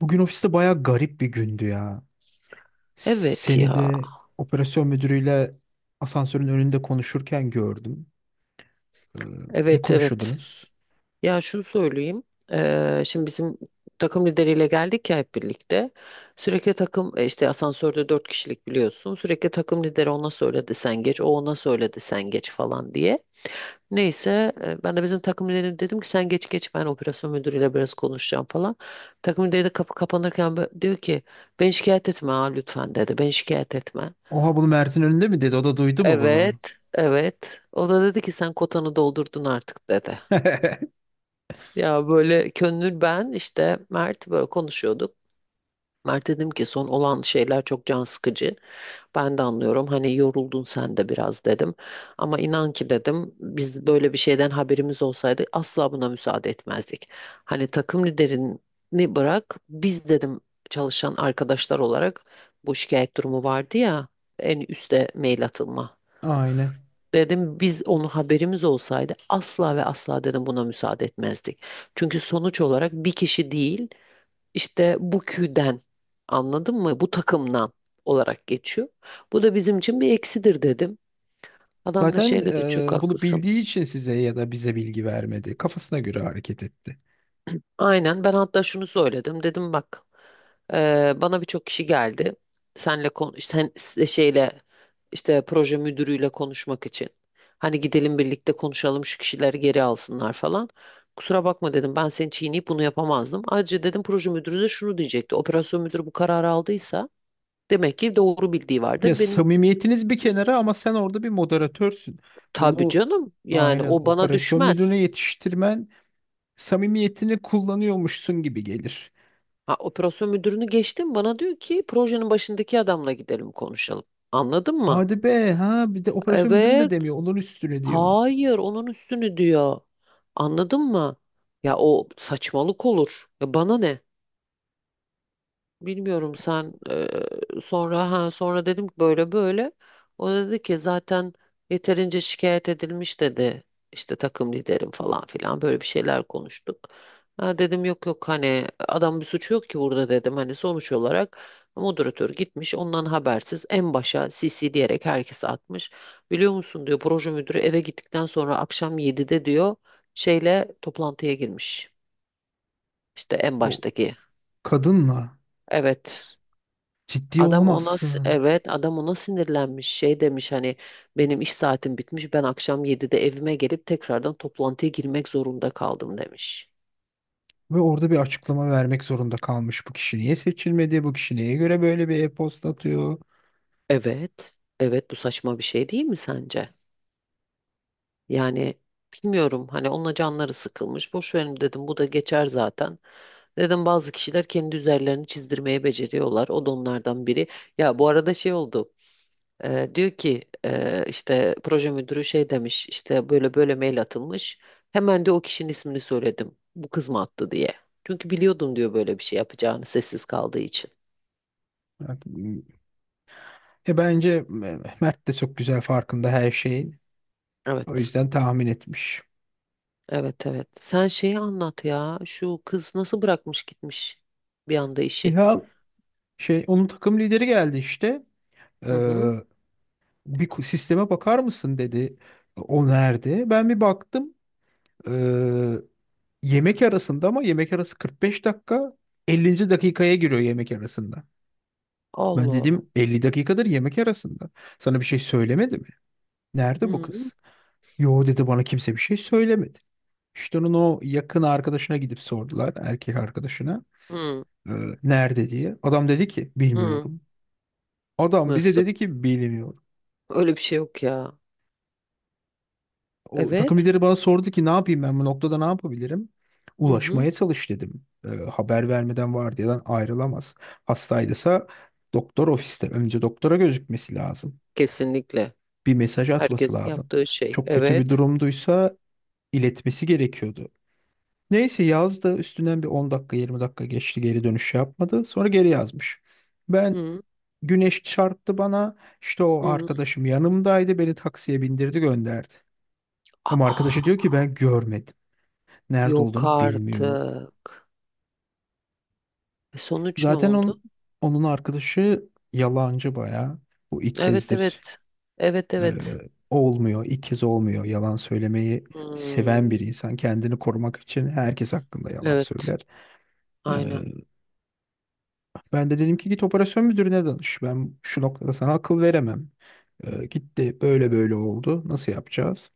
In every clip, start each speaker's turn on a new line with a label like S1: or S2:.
S1: Bugün ofiste bayağı garip bir gündü ya.
S2: Evet
S1: Seni
S2: ya.
S1: de operasyon müdürüyle asansörün önünde konuşurken gördüm. Ee, ne
S2: Evet evet.
S1: konuşuyordunuz?
S2: Ya şunu söyleyeyim. Şimdi bizim takım lideriyle geldik ya hep birlikte. Sürekli takım işte asansörde dört kişilik biliyorsun. Sürekli takım lideri ona söyledi sen geç. O ona söyledi sen geç falan diye. Neyse ben de bizim takım liderine dedim ki sen geç geç ben operasyon müdürüyle biraz konuşacağım falan. Takım lideri de kapı kapanırken diyor ki ben şikayet etme ha lütfen dedi. Ben şikayet etme.
S1: Oha, bunu Mert'in önünde mi dedi? O da duydu mu bunu?
S2: Evet, evet. O da dedi ki sen kotanı doldurdun artık dedi. Ya böyle Könül ben işte Mert böyle konuşuyorduk. Mert dedim ki son olan şeyler çok can sıkıcı. Ben de anlıyorum hani yoruldun sen de biraz dedim. Ama inan ki dedim biz böyle bir şeyden haberimiz olsaydı asla buna müsaade etmezdik. Hani takım liderini bırak biz dedim çalışan arkadaşlar olarak bu şikayet durumu vardı ya en üste mail atılma.
S1: Aynen.
S2: Dedim biz onu haberimiz olsaydı asla ve asla dedim buna müsaade etmezdik. Çünkü sonuç olarak bir kişi değil işte bu küden anladın mı? Bu takımdan olarak geçiyor. Bu da bizim için bir eksidir dedim. Adam da
S1: Zaten
S2: şey dedi çok
S1: bunu
S2: haklısın.
S1: bildiği için size ya da bize bilgi vermedi. Kafasına göre hareket etti.
S2: Aynen ben hatta şunu söyledim dedim bak bana birçok kişi geldi senle kon sen şeyle işte proje müdürüyle konuşmak için hani gidelim birlikte konuşalım şu kişileri geri alsınlar falan kusura bakma dedim ben seni çiğneyip bunu yapamazdım ayrıca dedim proje müdürü de şunu diyecekti operasyon müdürü bu kararı aldıysa demek ki doğru bildiği
S1: Ya,
S2: vardır benim
S1: samimiyetiniz bir kenara ama sen orada bir moderatörsün.
S2: tabii
S1: Bunu
S2: canım yani
S1: aynen
S2: o bana
S1: operasyon müdürüne
S2: düşmez
S1: yetiştirmen samimiyetini kullanıyormuşsun gibi gelir.
S2: ha, operasyon müdürünü geçtim bana diyor ki projenin başındaki adamla gidelim konuşalım anladın mı?
S1: Hadi be ha, bir de operasyon müdürün de
S2: Evet.
S1: demiyor. Onun üstüne diyor.
S2: Hayır, onun üstünü diyor. Anladın mı? Ya o saçmalık olur. Ya bana ne? Bilmiyorum sen sonra ha sonra dedim ki böyle böyle. O da dedi ki zaten yeterince şikayet edilmiş dedi. İşte takım liderim falan filan böyle bir şeyler konuştuk. Ha dedim yok yok hani adam bir suçu yok ki burada dedim. Hani sonuç olarak moderatör gitmiş ondan habersiz en başa CC diyerek herkese atmış. Biliyor musun diyor proje müdürü eve gittikten sonra akşam 7'de diyor şeyle toplantıya girmiş. İşte en
S1: O
S2: baştaki.
S1: kadınla
S2: Evet.
S1: ciddi
S2: Adam ona
S1: olamazsın.
S2: evet adam ona sinirlenmiş şey demiş hani benim iş saatim bitmiş ben akşam 7'de evime gelip tekrardan toplantıya girmek zorunda kaldım demiş.
S1: Ve orada bir açıklama vermek zorunda kalmış. Bu kişi niye seçilmedi? Bu kişi neye göre böyle bir e-posta atıyor?
S2: Evet evet bu saçma bir şey değil mi sence? Yani bilmiyorum hani onunla canları sıkılmış boş verin dedim bu da geçer zaten. Dedim bazı kişiler kendi üzerlerini çizdirmeyi beceriyorlar o da onlardan biri. Ya bu arada şey oldu. Diyor ki işte proje müdürü şey demiş işte böyle böyle mail atılmış. Hemen de o kişinin ismini söyledim. Bu kız mı attı diye. Çünkü biliyordum diyor böyle bir şey yapacağını sessiz kaldığı için.
S1: Yani, bence Mert de çok güzel farkında her şeyin. O
S2: Evet.
S1: yüzden tahmin etmiş.
S2: Evet evet. Sen şeyi anlat ya. Şu kız nasıl bırakmış gitmiş bir anda işi.
S1: Ya şey, onun takım lideri geldi işte.
S2: Hı
S1: Ee,
S2: hı.
S1: bir sisteme bakar mısın dedi. O nerede? Ben bir baktım. Ee, yemek arasında, ama yemek arası 45 dakika, 50. dakikaya giriyor yemek arasında. Ben
S2: Allah.
S1: dedim 50 dakikadır yemek arasında. Sana bir şey söylemedi mi?
S2: Hı
S1: Nerede bu
S2: hı.
S1: kız? Yo dedi, bana kimse bir şey söylemedi. İşte onun o yakın arkadaşına gidip sordular, erkek arkadaşına.
S2: Hı
S1: Ee, nerede diye. Adam dedi ki
S2: hı.
S1: bilmiyorum. Adam bize
S2: Nasıl?
S1: dedi ki bilmiyorum.
S2: Öyle bir şey yok ya.
S1: O takım
S2: Evet.
S1: lideri bana sordu ki ne yapayım, ben bu noktada ne yapabilirim?
S2: Hı hı.
S1: Ulaşmaya çalış dedim. Haber vermeden vardiyadan ayrılamaz. Hastaydısa doktor ofiste, önce doktora gözükmesi lazım.
S2: Kesinlikle.
S1: Bir mesaj atması
S2: Herkesin
S1: lazım.
S2: yaptığı şey.
S1: Çok kötü bir
S2: Evet.
S1: durumduysa iletmesi gerekiyordu. Neyse, yazdı üstünden bir 10 dakika 20 dakika geçti, geri dönüş yapmadı. Sonra geri yazmış. Ben
S2: Hı
S1: güneş çarptı bana, işte o
S2: hı.
S1: arkadaşım yanımdaydı, beni taksiye bindirdi gönderdi. Ama arkadaşı diyor
S2: Aa.
S1: ki ben görmedim. Nerede
S2: Yok
S1: olduğunu bilmiyor.
S2: artık. E, sonuç ne
S1: Zaten
S2: oldu?
S1: onun arkadaşı yalancı bayağı. Bu ilk
S2: Evet
S1: kezdir
S2: evet. Evet
S1: e,
S2: evet.
S1: olmuyor. İlk kez olmuyor. Yalan söylemeyi seven bir
S2: Hmm,
S1: insan. Kendini korumak için herkes hakkında yalan
S2: evet.
S1: söyler. E,
S2: Aynen.
S1: ben de dedim ki git operasyon müdürüne danış. Ben şu noktada sana akıl veremem. Gitti böyle böyle oldu. Nasıl yapacağız?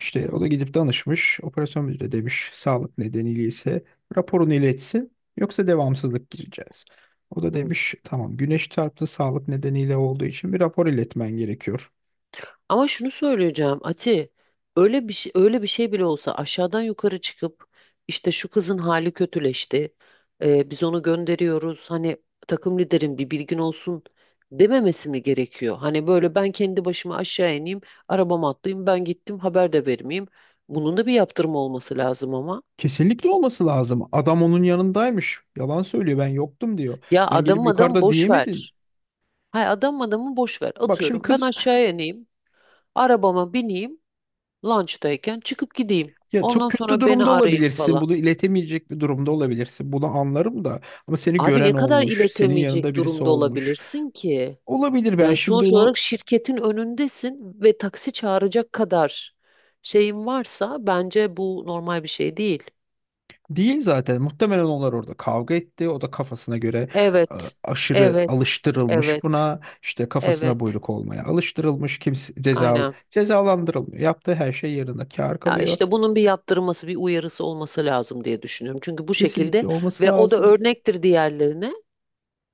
S1: İşte o da
S2: Hmm,
S1: gidip danışmış. Operasyon müdürü demiş sağlık nedeniyle ise raporunu iletsin, yoksa devamsızlık gireceğiz. O da
S2: hmm.
S1: demiş tamam, güneş çarptı, sağlık nedeniyle olduğu için bir rapor iletmen gerekiyor.
S2: Ama şunu söyleyeceğim Ati. Öyle bir şey, öyle bir şey bile olsa aşağıdan yukarı çıkıp işte şu kızın hali kötüleşti. Biz onu gönderiyoruz. Hani takım liderin bir bilgin olsun dememesi mi gerekiyor? Hani böyle ben kendi başıma aşağı ineyim, arabama atlayayım, ben gittim haber de vermeyeyim. Bunun da bir yaptırım olması lazım ama.
S1: Kesinlikle olması lazım. Adam onun yanındaymış. Yalan söylüyor, ben yoktum diyor.
S2: Ya
S1: Sen gelip
S2: adam adam
S1: yukarıda
S2: boş
S1: diyemedin.
S2: ver. Hay adam adamı boş ver.
S1: Bak şimdi
S2: Atıyorum ben
S1: kız,
S2: aşağıya ineyim. Arabama bineyim. Lunch'tayken çıkıp gideyim.
S1: ya çok
S2: Ondan
S1: kötü
S2: sonra beni
S1: durumda
S2: arayın
S1: olabilirsin.
S2: falan.
S1: Bunu iletemeyecek bir durumda olabilirsin. Bunu anlarım da, ama seni
S2: Abi ne
S1: gören
S2: kadar
S1: olmuş, senin yanında
S2: iletemeyecek
S1: birisi
S2: durumda
S1: olmuş.
S2: olabilirsin ki?
S1: Olabilir, ben
S2: Yani
S1: şimdi
S2: sonuç olarak
S1: onu.
S2: şirketin önündesin ve taksi çağıracak kadar şeyin varsa bence bu normal bir şey değil.
S1: Değil zaten. Muhtemelen onlar orada kavga etti. O da kafasına göre e,
S2: Evet.
S1: aşırı
S2: Evet.
S1: alıştırılmış
S2: Evet.
S1: buna. İşte kafasına
S2: Evet.
S1: buyruk olmaya alıştırılmış. Kimse ceza
S2: Aynen.
S1: cezalandırılmıyor. Yaptığı her şey yerine kâr
S2: Ya
S1: kalıyor.
S2: işte bunun bir yaptırılması, bir uyarısı olması lazım diye düşünüyorum. Çünkü bu şekilde
S1: Kesinlikle olması
S2: ve o da
S1: lazım.
S2: örnektir diğerlerine.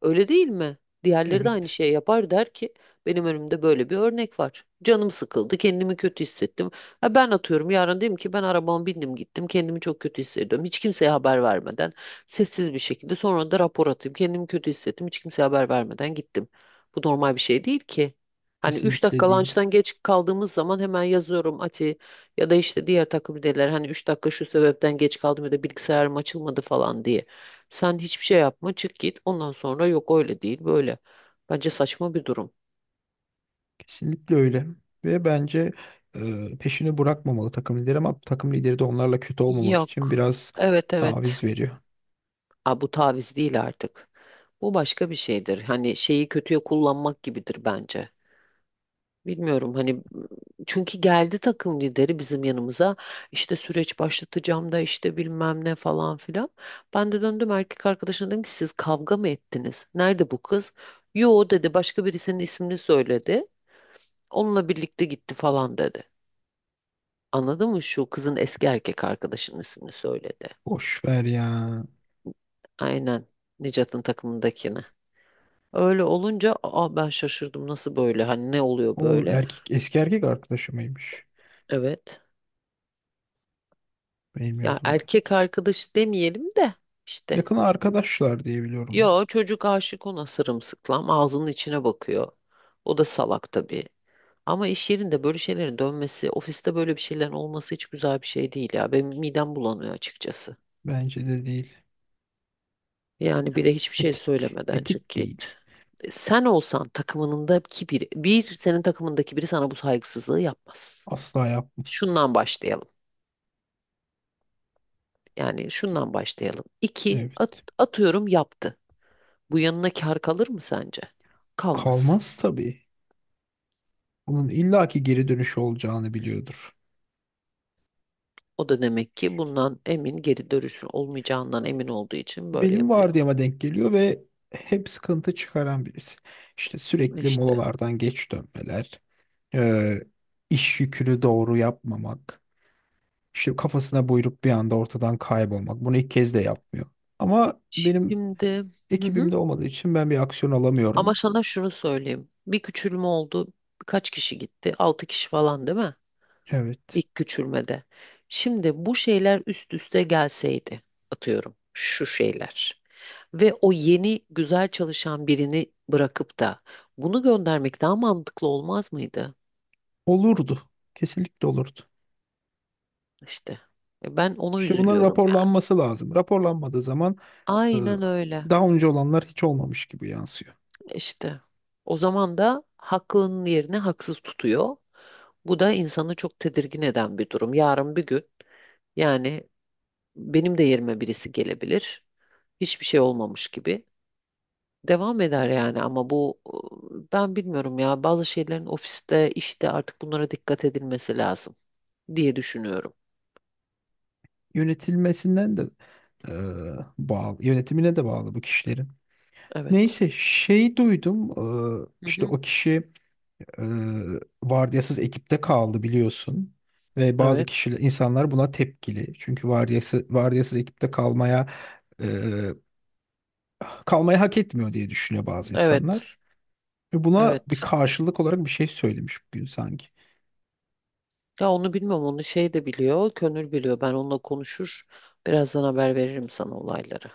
S2: Öyle değil mi? Diğerleri de aynı
S1: Evet.
S2: şeyi yapar der ki benim önümde böyle bir örnek var. Canım sıkıldı, kendimi kötü hissettim. Ha ben atıyorum yarın dedim ki ben arabama bindim gittim, kendimi çok kötü hissediyorum. Hiç kimseye haber vermeden sessiz bir şekilde sonra da rapor atayım. Kendimi kötü hissettim, hiç kimseye haber vermeden gittim. Bu normal bir şey değil ki. Hani 3
S1: Kesinlikle
S2: dakika
S1: değil.
S2: lunchtan geç kaldığımız zaman hemen yazıyorum Ati ya da işte diğer takım liderler hani 3 dakika şu sebepten geç kaldım ya da bilgisayarım açılmadı falan diye. Sen hiçbir şey yapma, çık git. Ondan sonra yok öyle değil, böyle. Bence saçma bir durum.
S1: Kesinlikle öyle. Ve bence peşini bırakmamalı takım lideri, ama takım lideri de onlarla kötü olmamak için
S2: Yok.
S1: biraz
S2: Evet
S1: taviz
S2: evet.
S1: veriyor.
S2: Aa, bu taviz değil artık. Bu başka bir şeydir. Hani şeyi kötüye kullanmak gibidir bence. Bilmiyorum hani çünkü geldi takım lideri bizim yanımıza işte süreç başlatacağım da işte bilmem ne falan filan. Ben de döndüm erkek arkadaşına dedim ki siz kavga mı ettiniz? Nerede bu kız? Yo dedi başka birisinin ismini söyledi. Onunla birlikte gitti falan dedi. Anladın mı? Şu kızın eski erkek arkadaşının ismini söyledi.
S1: Boş ver ya.
S2: Aynen. Nicat'ın takımındakini. Öyle olunca aa ben şaşırdım nasıl böyle hani ne oluyor
S1: Onun
S2: böyle?
S1: eski erkek arkadaşı mıymış?
S2: Evet. Ya
S1: Bilmiyordum ben.
S2: erkek arkadaş demeyelim de işte.
S1: Yakın arkadaşlar diye biliyorum.
S2: Yo çocuk aşık ona sırımsıklam ağzının içine bakıyor. O da salak tabii. Ama iş yerinde böyle şeylerin dönmesi, ofiste böyle bir şeylerin olması hiç güzel bir şey değil ya. Benim midem bulanıyor açıkçası.
S1: Ben. Bence de değil.
S2: Yani bir de hiçbir şey
S1: Etik.
S2: söylemeden çık
S1: Etik değil.
S2: git. E, Sen olsan takımındaki biri, bir senin takımındaki biri sana bu saygısızlığı yapmaz.
S1: Asla yapmaz.
S2: Şundan başlayalım. Yani şundan başlayalım. İki,
S1: Evet.
S2: atıyorum yaptı. Bu yanına kar kalır mı sence? Kalmaz.
S1: Kalmaz tabii. Bunun illaki geri dönüşü olacağını biliyordur.
S2: O da demek ki bundan emin, geri dönüşü olmayacağından emin olduğu için böyle
S1: Benim
S2: yapıyor.
S1: vardiyama denk geliyor ve hep sıkıntı çıkaran birisi. İşte sürekli
S2: İşte.
S1: molalardan geç dönmeler, e, iş yükünü doğru yapmamak, işte kafasına buyruk bir anda ortadan kaybolmak. Bunu ilk kez de yapmıyor. Ama benim
S2: Şimdi hı hı.
S1: ekibimde olmadığı için ben bir aksiyon
S2: Ama
S1: alamıyorum.
S2: sana şunu söyleyeyim. Bir küçülme oldu. Kaç kişi gitti? Altı kişi falan değil mi?
S1: Evet.
S2: İlk küçülmede. Şimdi bu şeyler üst üste gelseydi atıyorum şu şeyler ve o yeni güzel çalışan birini bırakıp da bunu göndermek daha mantıklı olmaz mıydı?
S1: Olurdu. Kesinlikle olurdu.
S2: İşte ben ona
S1: İşte bunların
S2: üzülüyorum yani.
S1: raporlanması lazım. Raporlanmadığı zaman e,
S2: Aynen öyle.
S1: daha önce olanlar hiç olmamış gibi yansıyor.
S2: İşte. O zaman da haklının yerine haksız tutuyor. Bu da insanı çok tedirgin eden bir durum. Yarın bir gün yani benim de yerime birisi gelebilir. Hiçbir şey olmamış gibi devam eder yani ama bu ben bilmiyorum ya bazı şeylerin ofiste işte artık bunlara dikkat edilmesi lazım diye düşünüyorum.
S1: Yönetilmesinden de e, bağlı, yönetimine de bağlı bu kişilerin.
S2: Evet.
S1: Neyse şey duydum,
S2: Hı
S1: işte
S2: hı.
S1: o kişi vardiyasız ekipte kaldı biliyorsun, ve bazı
S2: Evet.
S1: insanlar buna tepkili, çünkü vardiyasız ekipte kalmaya eee, kalmayı hak etmiyor diye düşünüyor bazı
S2: Evet.
S1: insanlar, ve buna bir
S2: Evet.
S1: karşılık olarak bir şey söylemiş bugün sanki.
S2: Ya onu bilmem onu şey de biliyor, Könül biliyor. Ben onunla konuşur. Birazdan haber veririm sana olayları.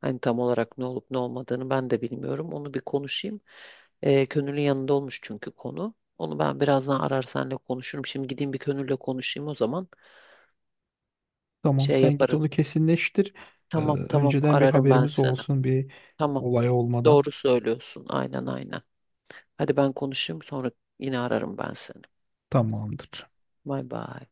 S2: Hani tam olarak ne olup ne olmadığını ben de bilmiyorum. Onu bir konuşayım. Könül'ün yanında olmuş çünkü konu. Onu ben birazdan arar senle konuşurum. Şimdi gideyim bir Könül'le konuşayım o zaman.
S1: Tamam,
S2: Şey
S1: sen git
S2: yaparım.
S1: onu kesinleştir. Eee,
S2: Tamam tamam
S1: önceden bir
S2: ararım ben
S1: haberimiz
S2: seni.
S1: olsun, bir
S2: Tamam
S1: olay olmadan.
S2: doğru söylüyorsun aynen aynen. Hadi ben konuşayım sonra yine ararım ben seni.
S1: Tamamdır.
S2: Bay bay.